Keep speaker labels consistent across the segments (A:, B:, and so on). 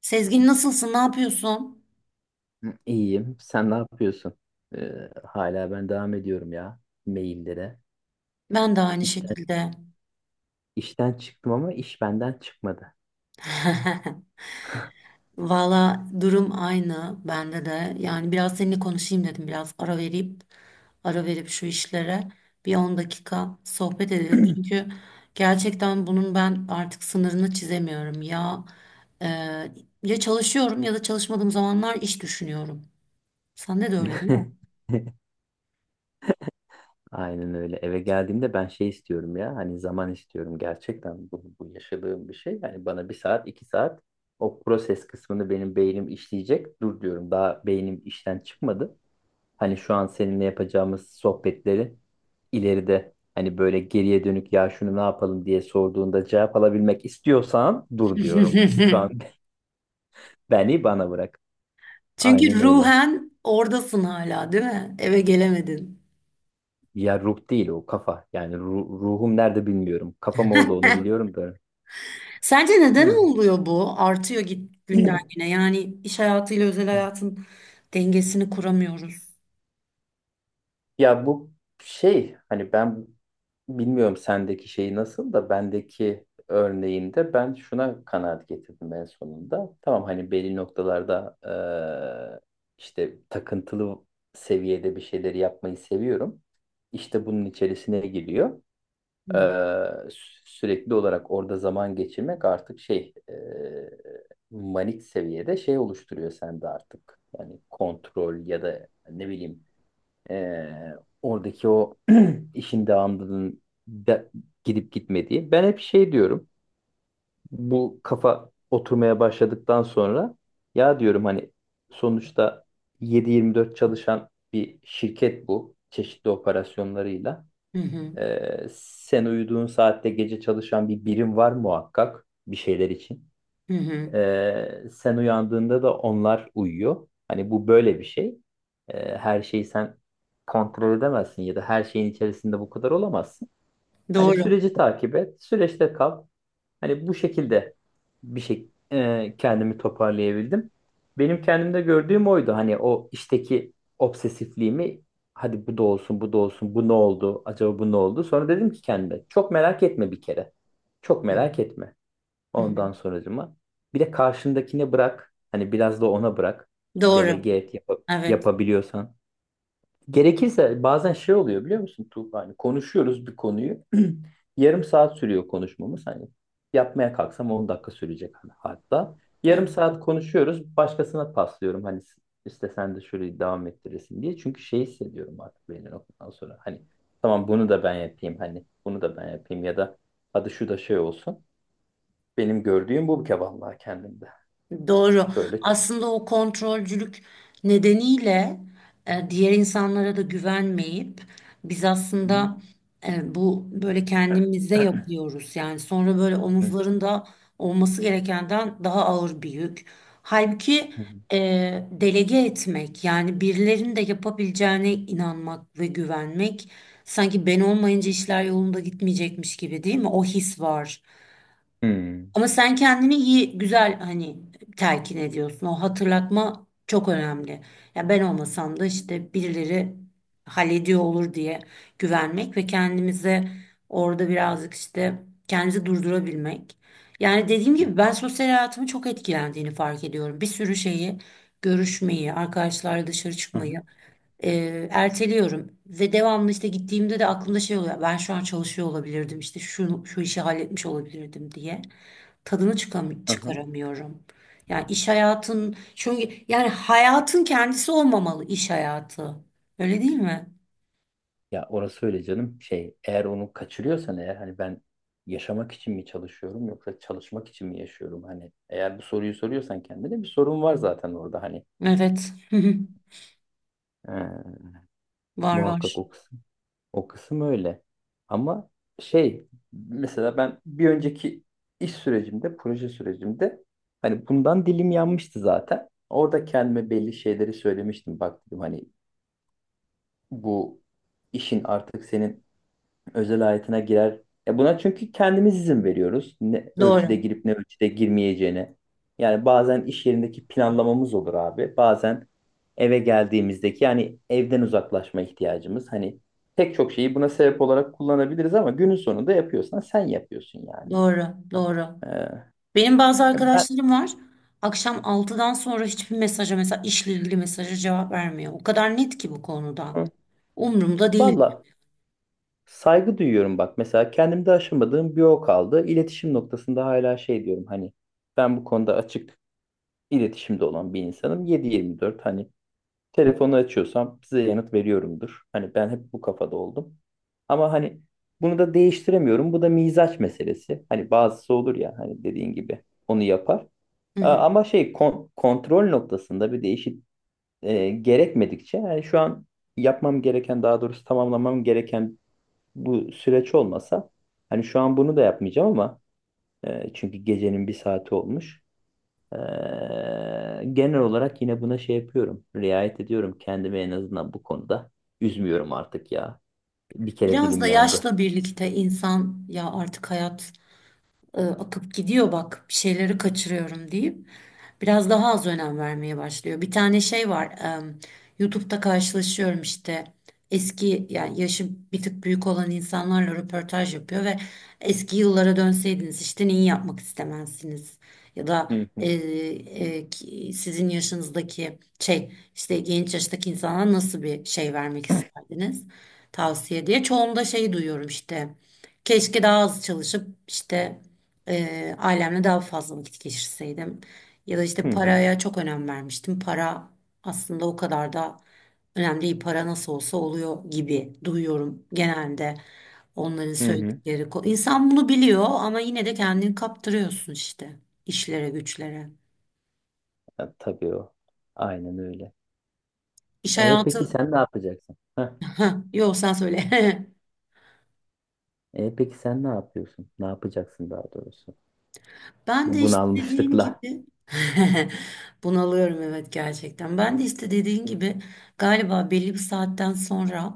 A: Sezgin nasılsın? Ne yapıyorsun?
B: Hı, İyiyim. Sen ne yapıyorsun? Hala ben devam ediyorum ya maillere.
A: Ben de aynı
B: İşten,
A: şekilde.
B: işten çıktım ama iş benden çıkmadı.
A: Valla durum aynı bende de. Yani biraz seninle konuşayım dedim. Biraz ara verip şu işlere bir 10 dakika sohbet edelim. Çünkü gerçekten bunun ben artık sınırını çizemiyorum. Ya e, ya çalışıyorum ya da çalışmadığım zamanlar iş düşünüyorum. Sen de öyle değil mi?
B: Aynen öyle. Eve geldiğimde ben şey istiyorum ya. Hani zaman istiyorum. Gerçekten bu yaşadığım bir şey. Yani bana bir saat, iki saat o proses kısmını benim beynim işleyecek. Dur diyorum. Daha beynim işten çıkmadı. Hani şu an seninle yapacağımız sohbetleri ileride hani böyle geriye dönük ya şunu ne yapalım diye sorduğunda cevap alabilmek istiyorsan dur diyorum. Şu an beni bana bırak. Aynen
A: Çünkü
B: öyle.
A: ruhen oradasın hala, değil mi? Eve gelemedin.
B: Ya ruh değil o kafa. Yani ruhum nerede bilmiyorum. Kafam orada onu biliyorum da.
A: Sence neden
B: Hı.
A: oluyor bu? Artıyor git günden güne. Yani iş hayatıyla özel hayatın dengesini kuramıyoruz.
B: Ya bu şey hani ben bilmiyorum sendeki şeyi nasıl da bendeki örneğinde ben şuna kanaat getirdim en sonunda. Tamam hani belli noktalarda eee, işte takıntılı seviyede bir şeyleri yapmayı seviyorum. İşte bunun içerisine giriyor.
A: Hı
B: Sürekli olarak orada zaman geçirmek artık şey manik seviyede şey oluşturuyor sende artık. Yani kontrol ya da ne bileyim ee, oradaki o işin devamlılığının de- gidip gitmediği. Ben hep şey diyorum. Bu kafa oturmaya başladıktan sonra ya diyorum hani sonuçta 7/24 çalışan bir şirket bu. Çeşitli operasyonlarıyla.
A: hı hı.
B: Sen uyuduğun saatte gece çalışan bir birim var muhakkak bir şeyler için.
A: Hı.
B: Sen uyandığında da onlar uyuyor. Hani bu böyle bir şey. Her şeyi sen kontrol edemezsin ya da her şeyin içerisinde bu kadar olamazsın. Hani
A: Doğru.
B: süreci takip et, süreçte kal. Hani bu şekilde bir şey kendimi toparlayabildim. Benim kendimde gördüğüm oydu. Hani o işteki obsesifliğimi hadi bu da olsun, bu da olsun, bu ne oldu, acaba bu ne oldu? Sonra dedim ki kendime çok merak etme bir kere. Çok
A: Hı
B: merak etme.
A: hı.
B: Ondan sonracıma. Bir de karşındakine bırak. Hani biraz da ona bırak.
A: Doğru.
B: Delege et
A: Evet.
B: yapabiliyorsan. Gerekirse bazen şey oluyor biliyor musun Tuğba? Hani konuşuyoruz bir konuyu. Yarım saat sürüyor konuşmamız. Hani yapmaya kalksam 10 dakika sürecek hani hatta.
A: Evet.
B: Yarım saat konuşuyoruz. Başkasına paslıyorum. Hani işte sen de şöyle devam ettiresin diye. Çünkü şey hissediyorum artık belli noktadan sonra. Hani tamam bunu da ben yapayım. Hani bunu da ben yapayım ya da hadi şu da şey olsun. Benim gördüğüm bu bir kere vallahi kendimde.
A: Doğru.
B: Böyle.
A: Aslında o kontrolcülük nedeniyle diğer insanlara da güvenmeyip biz aslında bu böyle kendimize yapıyoruz. Yani sonra böyle omuzlarında olması gerekenden daha ağır bir yük. Halbuki e, delege etmek yani birilerinin de yapabileceğine inanmak ve güvenmek sanki ben olmayınca işler yolunda gitmeyecekmiş gibi değil mi? O his var. Ama sen kendini iyi, güzel hani telkin ediyorsun. O hatırlatma çok önemli. Ya ben olmasam da işte birileri hallediyor olur diye güvenmek ve kendimize orada birazcık işte kendimizi durdurabilmek. Yani dediğim gibi ben sosyal hayatımın çok etkilendiğini fark ediyorum. Bir sürü şeyi görüşmeyi, arkadaşlarla dışarı çıkmayı erteliyorum ve devamlı işte gittiğimde de aklımda şey oluyor. Ben şu an çalışıyor olabilirdim işte şu şu işi halletmiş olabilirdim diye tadını çıkaramıyorum. Yani iş hayatın çünkü yani hayatın kendisi olmamalı iş hayatı. Öyle değil mi?
B: Ya orası öyle canım. Şey, eğer onu kaçırıyorsan eğer hani ben yaşamak için mi çalışıyorum yoksa çalışmak için mi yaşıyorum? Hani eğer bu soruyu soruyorsan kendine bir sorun var zaten orada hani.
A: Evet.
B: Ee,
A: Var
B: Muhakkak
A: var.
B: o kısım. O kısım öyle. Ama şey mesela ben bir önceki iş sürecimde, proje sürecimde hani bundan dilim yanmıştı zaten. Orada kendime belli şeyleri söylemiştim. Bak dedim hani bu işin artık senin özel hayatına girer. Ya buna çünkü kendimiz izin veriyoruz. Ne ölçüde
A: Doğru.
B: girip ne ölçüde girmeyeceğine. Yani bazen iş yerindeki planlamamız olur abi. Bazen eve geldiğimizdeki yani evden uzaklaşma ihtiyacımız. Hani pek çok şeyi buna sebep olarak kullanabiliriz ama günün sonunda yapıyorsan sen yapıyorsun yani.
A: Doğru. Doğru.
B: Ee,
A: Benim bazı
B: Ben
A: arkadaşlarım var. Akşam 6'dan sonra hiçbir mesaja mesela işle ilgili mesaja cevap vermiyor. O kadar net ki bu konuda.
B: Hı.
A: Umurumda değil.
B: Valla saygı duyuyorum bak. Mesela kendimde aşamadığım bir o kaldı. İletişim noktasında hala şey diyorum hani ben bu konuda açık iletişimde olan bir insanım. 7/24 hani telefonu açıyorsam size yanıt veriyorumdur. Hani ben hep bu kafada oldum. Ama hani bunu da değiştiremiyorum. Bu da mizaç meselesi. Hani bazısı olur ya hani dediğin gibi onu yapar.
A: Hı hı.
B: Ama şey kontrol noktasında bir değişik gerekmedikçe yani şu an yapmam gereken daha doğrusu tamamlamam gereken bu süreç olmasa hani şu an bunu da yapmayacağım ama çünkü gecenin bir saati olmuş. Genel olarak yine buna şey yapıyorum. Riayet ediyorum kendimi en azından bu konuda. Üzmüyorum artık ya. Bir kere
A: Biraz
B: dilim
A: da
B: yandı.
A: yaşla birlikte insan ya artık hayat akıp gidiyor bak bir şeyleri kaçırıyorum deyip biraz daha az önem vermeye başlıyor. Bir tane şey var YouTube'da karşılaşıyorum işte eski yani yaşı bir tık büyük olan insanlarla röportaj yapıyor ve eski yıllara dönseydiniz işte neyi yapmak istemezsiniz ya da
B: Hı hı.
A: sizin yaşınızdaki şey işte genç yaştaki insanlara nasıl bir şey vermek isterdiniz tavsiye diye çoğunda şey duyuyorum işte keşke daha az çalışıp işte ailemle daha fazla vakit geçirseydim ya da
B: Hı
A: işte
B: hı.
A: paraya çok önem vermiştim. Para aslında o kadar da önemli değil. Para nasıl olsa oluyor gibi duyuyorum genelde onların
B: Hı hı.
A: söyledikleri. İnsan bunu biliyor ama yine de kendini kaptırıyorsun işte işlere güçlere.
B: Ya, tabii o. Aynen öyle.
A: İş
B: E peki
A: hayatı...
B: sen ne yapacaksın? Heh.
A: Heh, yok sen söyle.
B: E peki sen ne yapıyorsun? Ne yapacaksın daha doğrusu?
A: Ben
B: Bu
A: de işte dediğin
B: bunalmışlıkla.
A: gibi bunalıyorum evet gerçekten. Ben de işte dediğin gibi galiba belli bir saatten sonra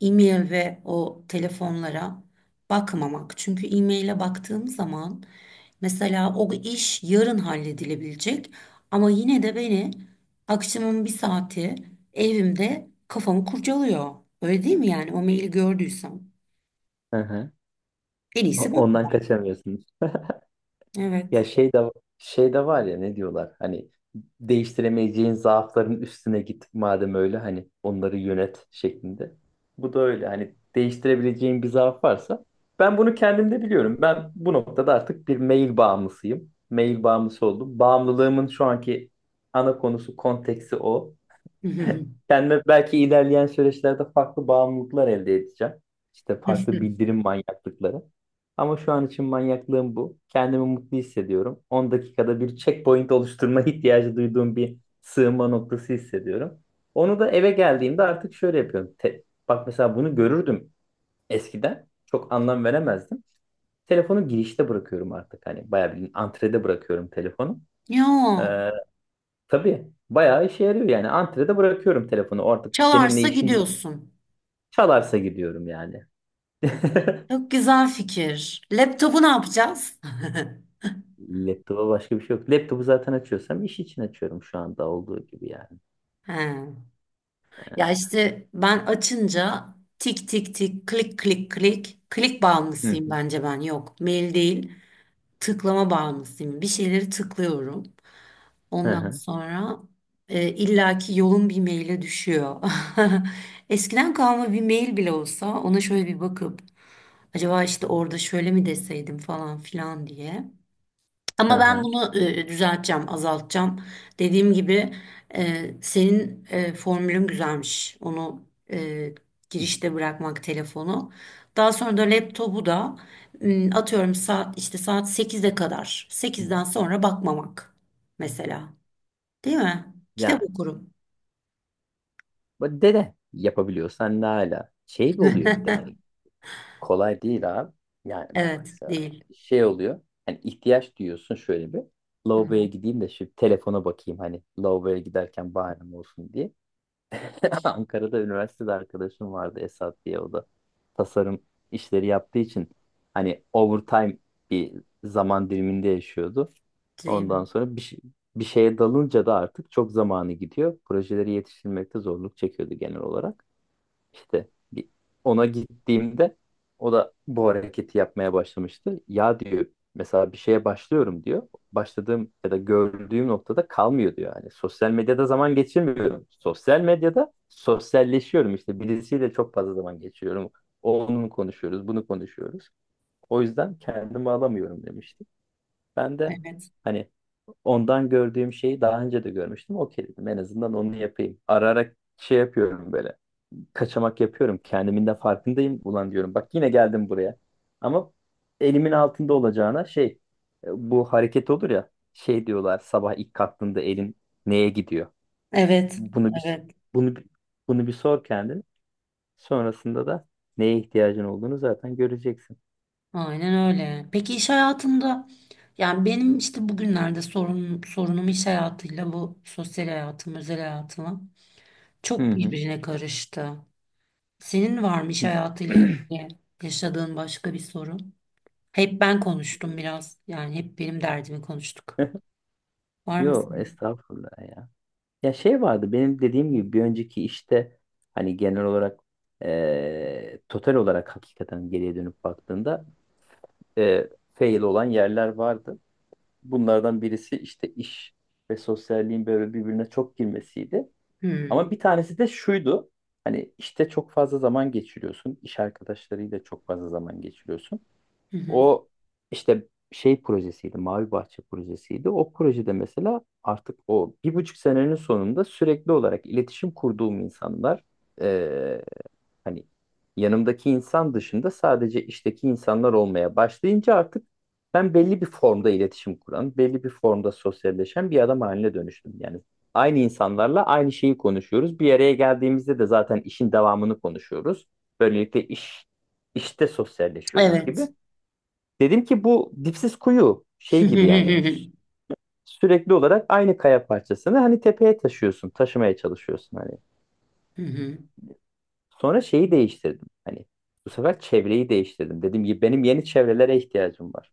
A: e-mail ve o telefonlara bakmamak. Çünkü e-maile baktığım zaman mesela o iş yarın halledilebilecek ama yine de beni akşamın bir saati evimde kafamı kurcalıyor. Öyle değil mi yani o maili gördüysem?
B: Hı hı.
A: En
B: O-
A: iyisi
B: Ondan
A: bakmam.
B: kaçamıyorsunuz. Ya
A: Evet.
B: şey de şey de var ya ne diyorlar hani değiştiremeyeceğin zaafların üstüne git madem öyle hani onları yönet şeklinde. Bu da öyle hani değiştirebileceğin bir zaaf varsa ben bunu kendimde biliyorum. Ben bu noktada artık bir mail bağımlısıyım. Mail bağımlısı oldum. Bağımlılığımın şu anki ana konusu konteksi o. Kendime belki ilerleyen süreçlerde farklı bağımlılıklar elde edeceğim. İşte farklı bildirim manyaklıkları. Ama şu an için manyaklığım bu. Kendimi mutlu hissediyorum. 10 dakikada bir checkpoint oluşturma ihtiyacı duyduğum bir sığınma noktası hissediyorum. Onu da eve geldiğimde artık şöyle yapıyorum. Bak mesela bunu görürdüm eskiden. Çok anlam veremezdim. Telefonu girişte bırakıyorum artık. Hani bayağı bir antrede bırakıyorum telefonu.
A: Ya.
B: Tabii bayağı işe yarıyor yani. Antrede bırakıyorum telefonu artık bu seninle
A: Çalarsa
B: işim yok.
A: gidiyorsun.
B: Çalarsa gidiyorum yani.
A: Çok güzel fikir. Laptopu ne yapacağız?
B: Laptopa başka bir şey yok. Laptopu zaten açıyorsam iş için açıyorum şu anda olduğu gibi yani.
A: He.
B: Ee,
A: Ya işte ben açınca tik tik tik, klik klik klik, klik
B: Hı
A: bağımlısıyım
B: hı
A: bence ben. Yok, mail değil, tıklama bağımlısıyım. Bir şeyleri tıklıyorum.
B: hı
A: Ondan
B: hı.
A: sonra illaki yolun bir maile düşüyor. Eskiden kalma bir mail bile olsa ona şöyle bir bakıp acaba işte orada şöyle mi deseydim falan filan diye. Ama ben
B: Hı.
A: bunu düzelteceğim, azaltacağım. Dediğim gibi senin formülün güzelmiş. Onu e, girişte bırakmak telefonu. Daha sonra da laptopu da atıyorum saat işte saat 8'e kadar.
B: Hı hı.
A: 8'den sonra bakmamak mesela. Değil mi? Kitap
B: Yani
A: okurum.
B: bu dede yapabiliyorsan ne hala. Şey bir oluyor bir de hani kolay değil abi. Yani bak
A: Evet,
B: mesela
A: değil.
B: şey oluyor. Hani ihtiyaç duyuyorsun şöyle bir.
A: Hı
B: Lavaboya
A: hı,
B: gideyim de şu telefona bakayım hani lavaboya giderken bahanem olsun diye. Ankara'da üniversitede arkadaşım vardı Esat diye o da tasarım işleri yaptığı için hani overtime bir zaman diliminde yaşıyordu.
A: değil mi?
B: Ondan sonra bir şeye dalınca da artık çok zamanı gidiyor. Projeleri yetiştirmekte zorluk çekiyordu genel olarak. İşte ona gittiğimde o da bu hareketi yapmaya başlamıştı. Ya diyor mesela bir şeye başlıyorum diyor. Başladığım ya da gördüğüm noktada kalmıyor diyor. Yani sosyal medyada zaman geçirmiyorum. Sosyal medyada sosyalleşiyorum işte birisiyle çok fazla zaman geçiriyorum. Onu konuşuyoruz, bunu konuşuyoruz. O yüzden kendimi alamıyorum demişti. Ben de
A: Evet.
B: hani ondan gördüğüm şeyi daha önce de görmüştüm. Okey dedim en azından onu yapayım. Ararak şey yapıyorum böyle kaçamak yapıyorum. Kendimin de farkındayım. Ulan diyorum bak yine geldim buraya. Ama elimin altında olacağına şey bu hareket olur ya şey diyorlar sabah ilk kalktığında elin neye gidiyor?
A: Evet.
B: Bunu bir
A: Evet.
B: bunu bir- Bunu bir sor kendin. Sonrasında da neye ihtiyacın olduğunu zaten göreceksin.
A: Aynen öyle. Peki iş hayatında yani benim işte bugünlerde sorunum iş hayatıyla bu sosyal hayatım, özel hayatım çok
B: Hı
A: birbirine karıştı. Senin var mı iş hayatıyla
B: hı.
A: ilgili yaşadığın başka bir sorun? Hep ben konuştum biraz. Yani hep benim derdimi konuştuk. Var mı
B: Yo
A: senin?
B: estağfurullah ya. Ya şey vardı benim dediğim gibi bir önceki işte hani genel olarak total olarak hakikaten geriye dönüp baktığında fail olan yerler vardı. Bunlardan birisi işte iş ve sosyalliğin böyle birbirine çok girmesiydi.
A: Hmm.
B: Ama bir tanesi de şuydu. Hani işte çok fazla zaman geçiriyorsun. İş arkadaşlarıyla çok fazla zaman geçiriyorsun.
A: Hı hı.
B: O işte şey projesiydi, Mavi Bahçe projesiydi. O projede mesela artık o bir buçuk senenin sonunda sürekli olarak iletişim kurduğum insanlar e, hani yanımdaki insan dışında sadece işteki insanlar olmaya başlayınca artık ben belli bir formda iletişim kuran, belli bir formda sosyalleşen bir adam haline dönüştüm. Yani aynı insanlarla aynı şeyi konuşuyoruz. Bir araya geldiğimizde de zaten işin devamını konuşuyoruz. Böylelikle iş işte sosyalleşiyoruz gibi.
A: Evet.
B: Dedim ki bu dipsiz kuyu şey gibi yani sürekli olarak aynı kaya parçasını hani tepeye taşıyorsun, taşımaya çalışıyorsun hani.
A: Hı hı.
B: Sonra şeyi değiştirdim. Hani bu sefer çevreyi değiştirdim. Dedim ki benim yeni çevrelere ihtiyacım var.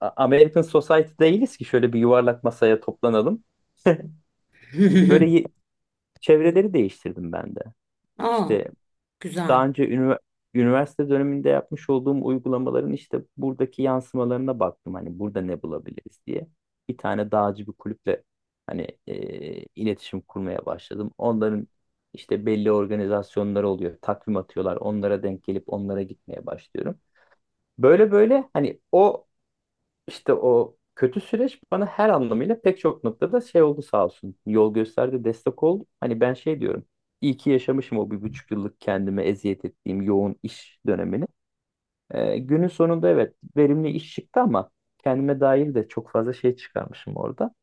B: American Society değiliz ki şöyle bir yuvarlak masaya toplanalım. Böyle çevreleri değiştirdim ben de.
A: Aa,
B: İşte
A: güzel.
B: daha önce üniversite döneminde yapmış olduğum uygulamaların işte buradaki yansımalarına baktım. Hani burada ne bulabiliriz diye. Bir tane dağcı bir kulüple hani iletişim kurmaya başladım. Onların işte belli organizasyonları oluyor. Takvim atıyorlar. Onlara denk gelip onlara gitmeye başlıyorum. Böyle böyle hani o işte o kötü süreç bana her anlamıyla pek çok noktada şey oldu sağ olsun. Yol gösterdi, destek oldu. Hani ben şey diyorum. İyi ki yaşamışım o bir buçuk yıllık kendime eziyet ettiğim yoğun iş dönemini. Günün sonunda evet verimli iş çıktı ama kendime dair de çok fazla şey çıkarmışım orada.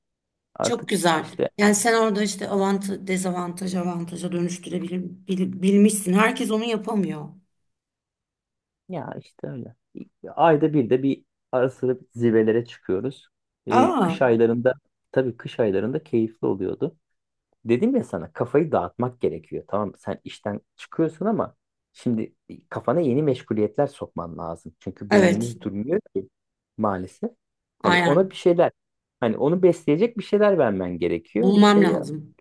A: Çok
B: Artık
A: güzel.
B: işte
A: Yani sen orada işte avantaj, dezavantaj avantaja dönüştürebilmişsin. Herkes onu yapamıyor.
B: ya işte öyle. Ayda bir de bir ara sıra zirvelere çıkıyoruz.
A: Aa,
B: Kış aylarında tabii kış aylarında keyifli oluyordu. Dedim ya sana kafayı dağıtmak gerekiyor. Tamam sen işten çıkıyorsun ama şimdi kafana yeni meşguliyetler sokman lazım. Çünkü
A: evet.
B: beynimiz durmuyor ki maalesef. Hani ona
A: Aynen.
B: bir şeyler hani onu besleyecek bir şeyler vermen gerekiyor. İşte
A: Bulmam
B: ya,
A: lazım.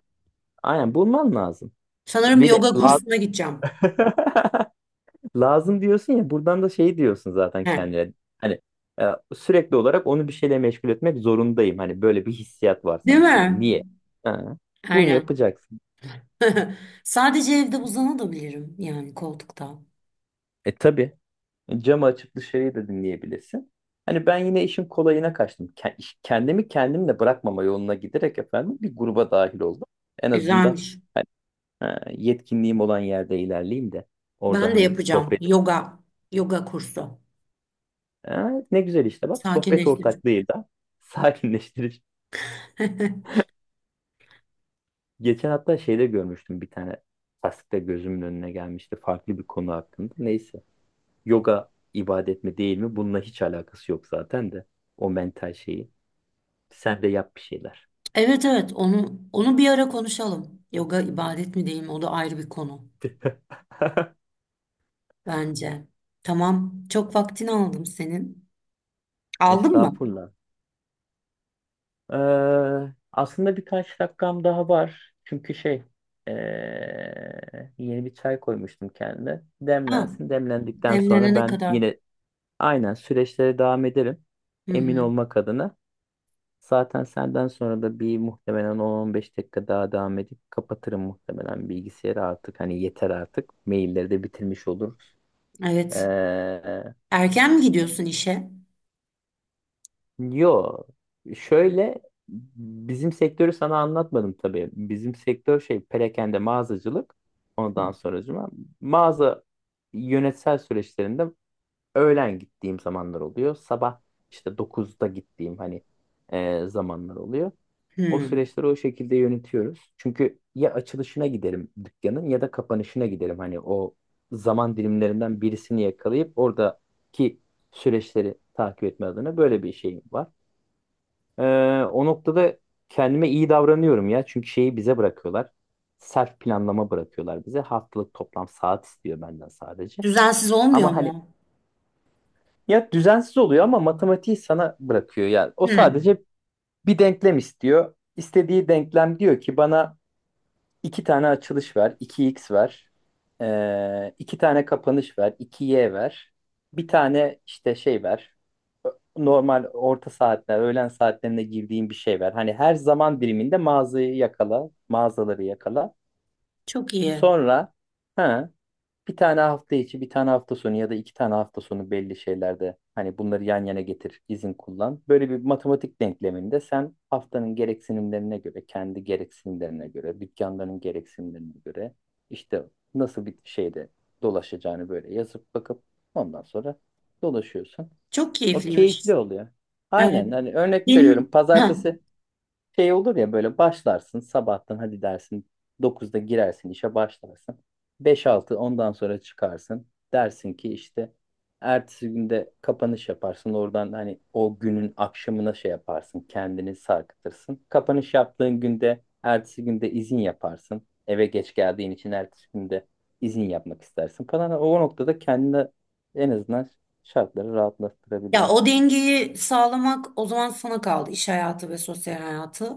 B: aynen bulman lazım.
A: Sanırım
B: Bir de
A: yoga
B: lazım,
A: kursuna gideceğim.
B: lazım diyorsun ya buradan da şey diyorsun zaten
A: He.
B: kendine. Hani e, sürekli olarak onu bir şeyle meşgul etmek zorundayım. Hani böyle bir hissiyat var
A: Değil
B: sanki.
A: mi?
B: Niye? Ha, bunu
A: Aynen.
B: yapacaksın.
A: Sadece evde uzanabilirim yani koltukta.
B: E tabii. E, camı açıp dışarıyı da dinleyebilirsin. Hani ben yine işin kolayına kaçtım. Kendimi kendimle bırakmama yoluna giderek efendim bir gruba dahil oldum. En azından
A: Güzelmiş.
B: hani, ha, yetkinliğim olan yerde ilerleyeyim de orada
A: Ben de
B: hani
A: yapacağım
B: sohbet.
A: yoga kursu.
B: Ha, ne güzel işte bak sohbet
A: Sakinleştirici.
B: ortaklığıyla sakinleştirici. Geçen hatta şeyde görmüştüm bir tane tasvirde gözümün önüne gelmişti farklı bir konu hakkında. Neyse yoga ibadet mi değil mi bununla hiç alakası yok zaten de o mental şeyi. Sen de yap bir şeyler.
A: Evet evet onu bir ara konuşalım. Yoga ibadet mi değil mi? O da ayrı bir konu. Bence. Tamam. Çok vaktini aldım senin. Aldın mı?
B: Estağfurullah. Ee, Aslında birkaç dakikam daha var. Çünkü şey ee, yeni bir çay koymuştum kendime.
A: Ha,
B: Demlensin. Demlendikten sonra
A: demlenene
B: ben
A: kadar.
B: yine aynen süreçlere devam ederim.
A: Hı
B: Emin
A: hı.
B: olmak adına. Zaten senden sonra da bir muhtemelen 10-15 dakika daha devam edip kapatırım muhtemelen bilgisayarı artık. Hani yeter artık. Mailleri de bitirmiş olur.
A: Evet. Erken mi gidiyorsun işe?
B: Yo, şöyle bizim sektörü sana anlatmadım tabii. Bizim sektör şey perakende mağazacılık. Ondan sonracıma mağaza yönetsel süreçlerinde öğlen gittiğim zamanlar oluyor. Sabah işte dokuzda gittiğim hani zamanlar oluyor. O
A: Hı.
B: süreçleri o şekilde yönetiyoruz. Çünkü ya açılışına giderim dükkanın ya da kapanışına giderim. Hani o zaman dilimlerinden birisini yakalayıp oradaki süreçleri takip etme adına böyle bir şeyim var. Ee, O noktada kendime iyi davranıyorum ya. Çünkü şeyi bize bırakıyorlar. Self planlama bırakıyorlar bize. Haftalık toplam saat istiyor benden sadece.
A: Düzensiz olmuyor
B: Ama hani
A: mu?
B: ya düzensiz oluyor ama matematiği sana bırakıyor. Yani o
A: Hı.
B: sadece bir denklem istiyor. İstediği denklem diyor ki bana İki tane açılış ver, iki x ver, iki tane kapanış ver, iki y ver, bir tane işte şey ver, Ö- normal orta saatler, öğlen saatlerinde girdiğin bir şey ver. Hani her zaman diliminde mağazayı yakala, mağazaları yakala.
A: Çok iyi.
B: Sonra ha, bir tane hafta içi, bir tane hafta sonu ya da iki tane hafta sonu belli şeylerde hani bunları yan yana getir, izin kullan. Böyle bir matematik denkleminde sen haftanın gereksinimlerine göre, kendi gereksinimlerine göre, dükkanların gereksinimlerine göre işte nasıl bir şeyde dolaşacağını böyle yazıp bakıp ondan sonra dolaşıyorsun.
A: Çok
B: O
A: keyifliymiş.
B: keyifli oluyor.
A: Evet.
B: Aynen hani örnek veriyorum
A: Benim ha.
B: pazartesi şey olur ya böyle başlarsın sabahtan hadi dersin dokuzda girersin işe başlarsın. Beş altı ondan sonra çıkarsın. Dersin ki işte ertesi günde kapanış yaparsın. Oradan hani o günün akşamına şey yaparsın. Kendini sarkıtırsın. Kapanış yaptığın günde ertesi günde izin yaparsın. Eve geç geldiğin için ertesi günde izin yapmak istersin falan. O noktada kendine en azından şartları
A: Ya o
B: rahatlattırabiliyorsun.
A: dengeyi sağlamak o zaman sana kaldı. İş hayatı ve sosyal hayatı.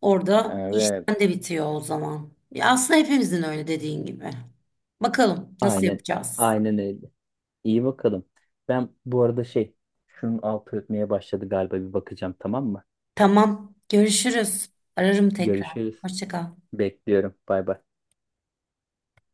A: Orada
B: Evet.
A: işten de bitiyor o zaman. Ya aslında hepimizin öyle dediğin gibi. Bakalım nasıl
B: Aynen.
A: yapacağız?
B: Aynen öyle. İyi bakalım. Ben bu arada şey, şunun altı ötmeye başladı galiba bir bakacağım tamam mı?
A: Tamam. Görüşürüz. Ararım tekrar.
B: Görüşürüz.
A: Hoşça kal.
B: Bekliyorum. Bay bay.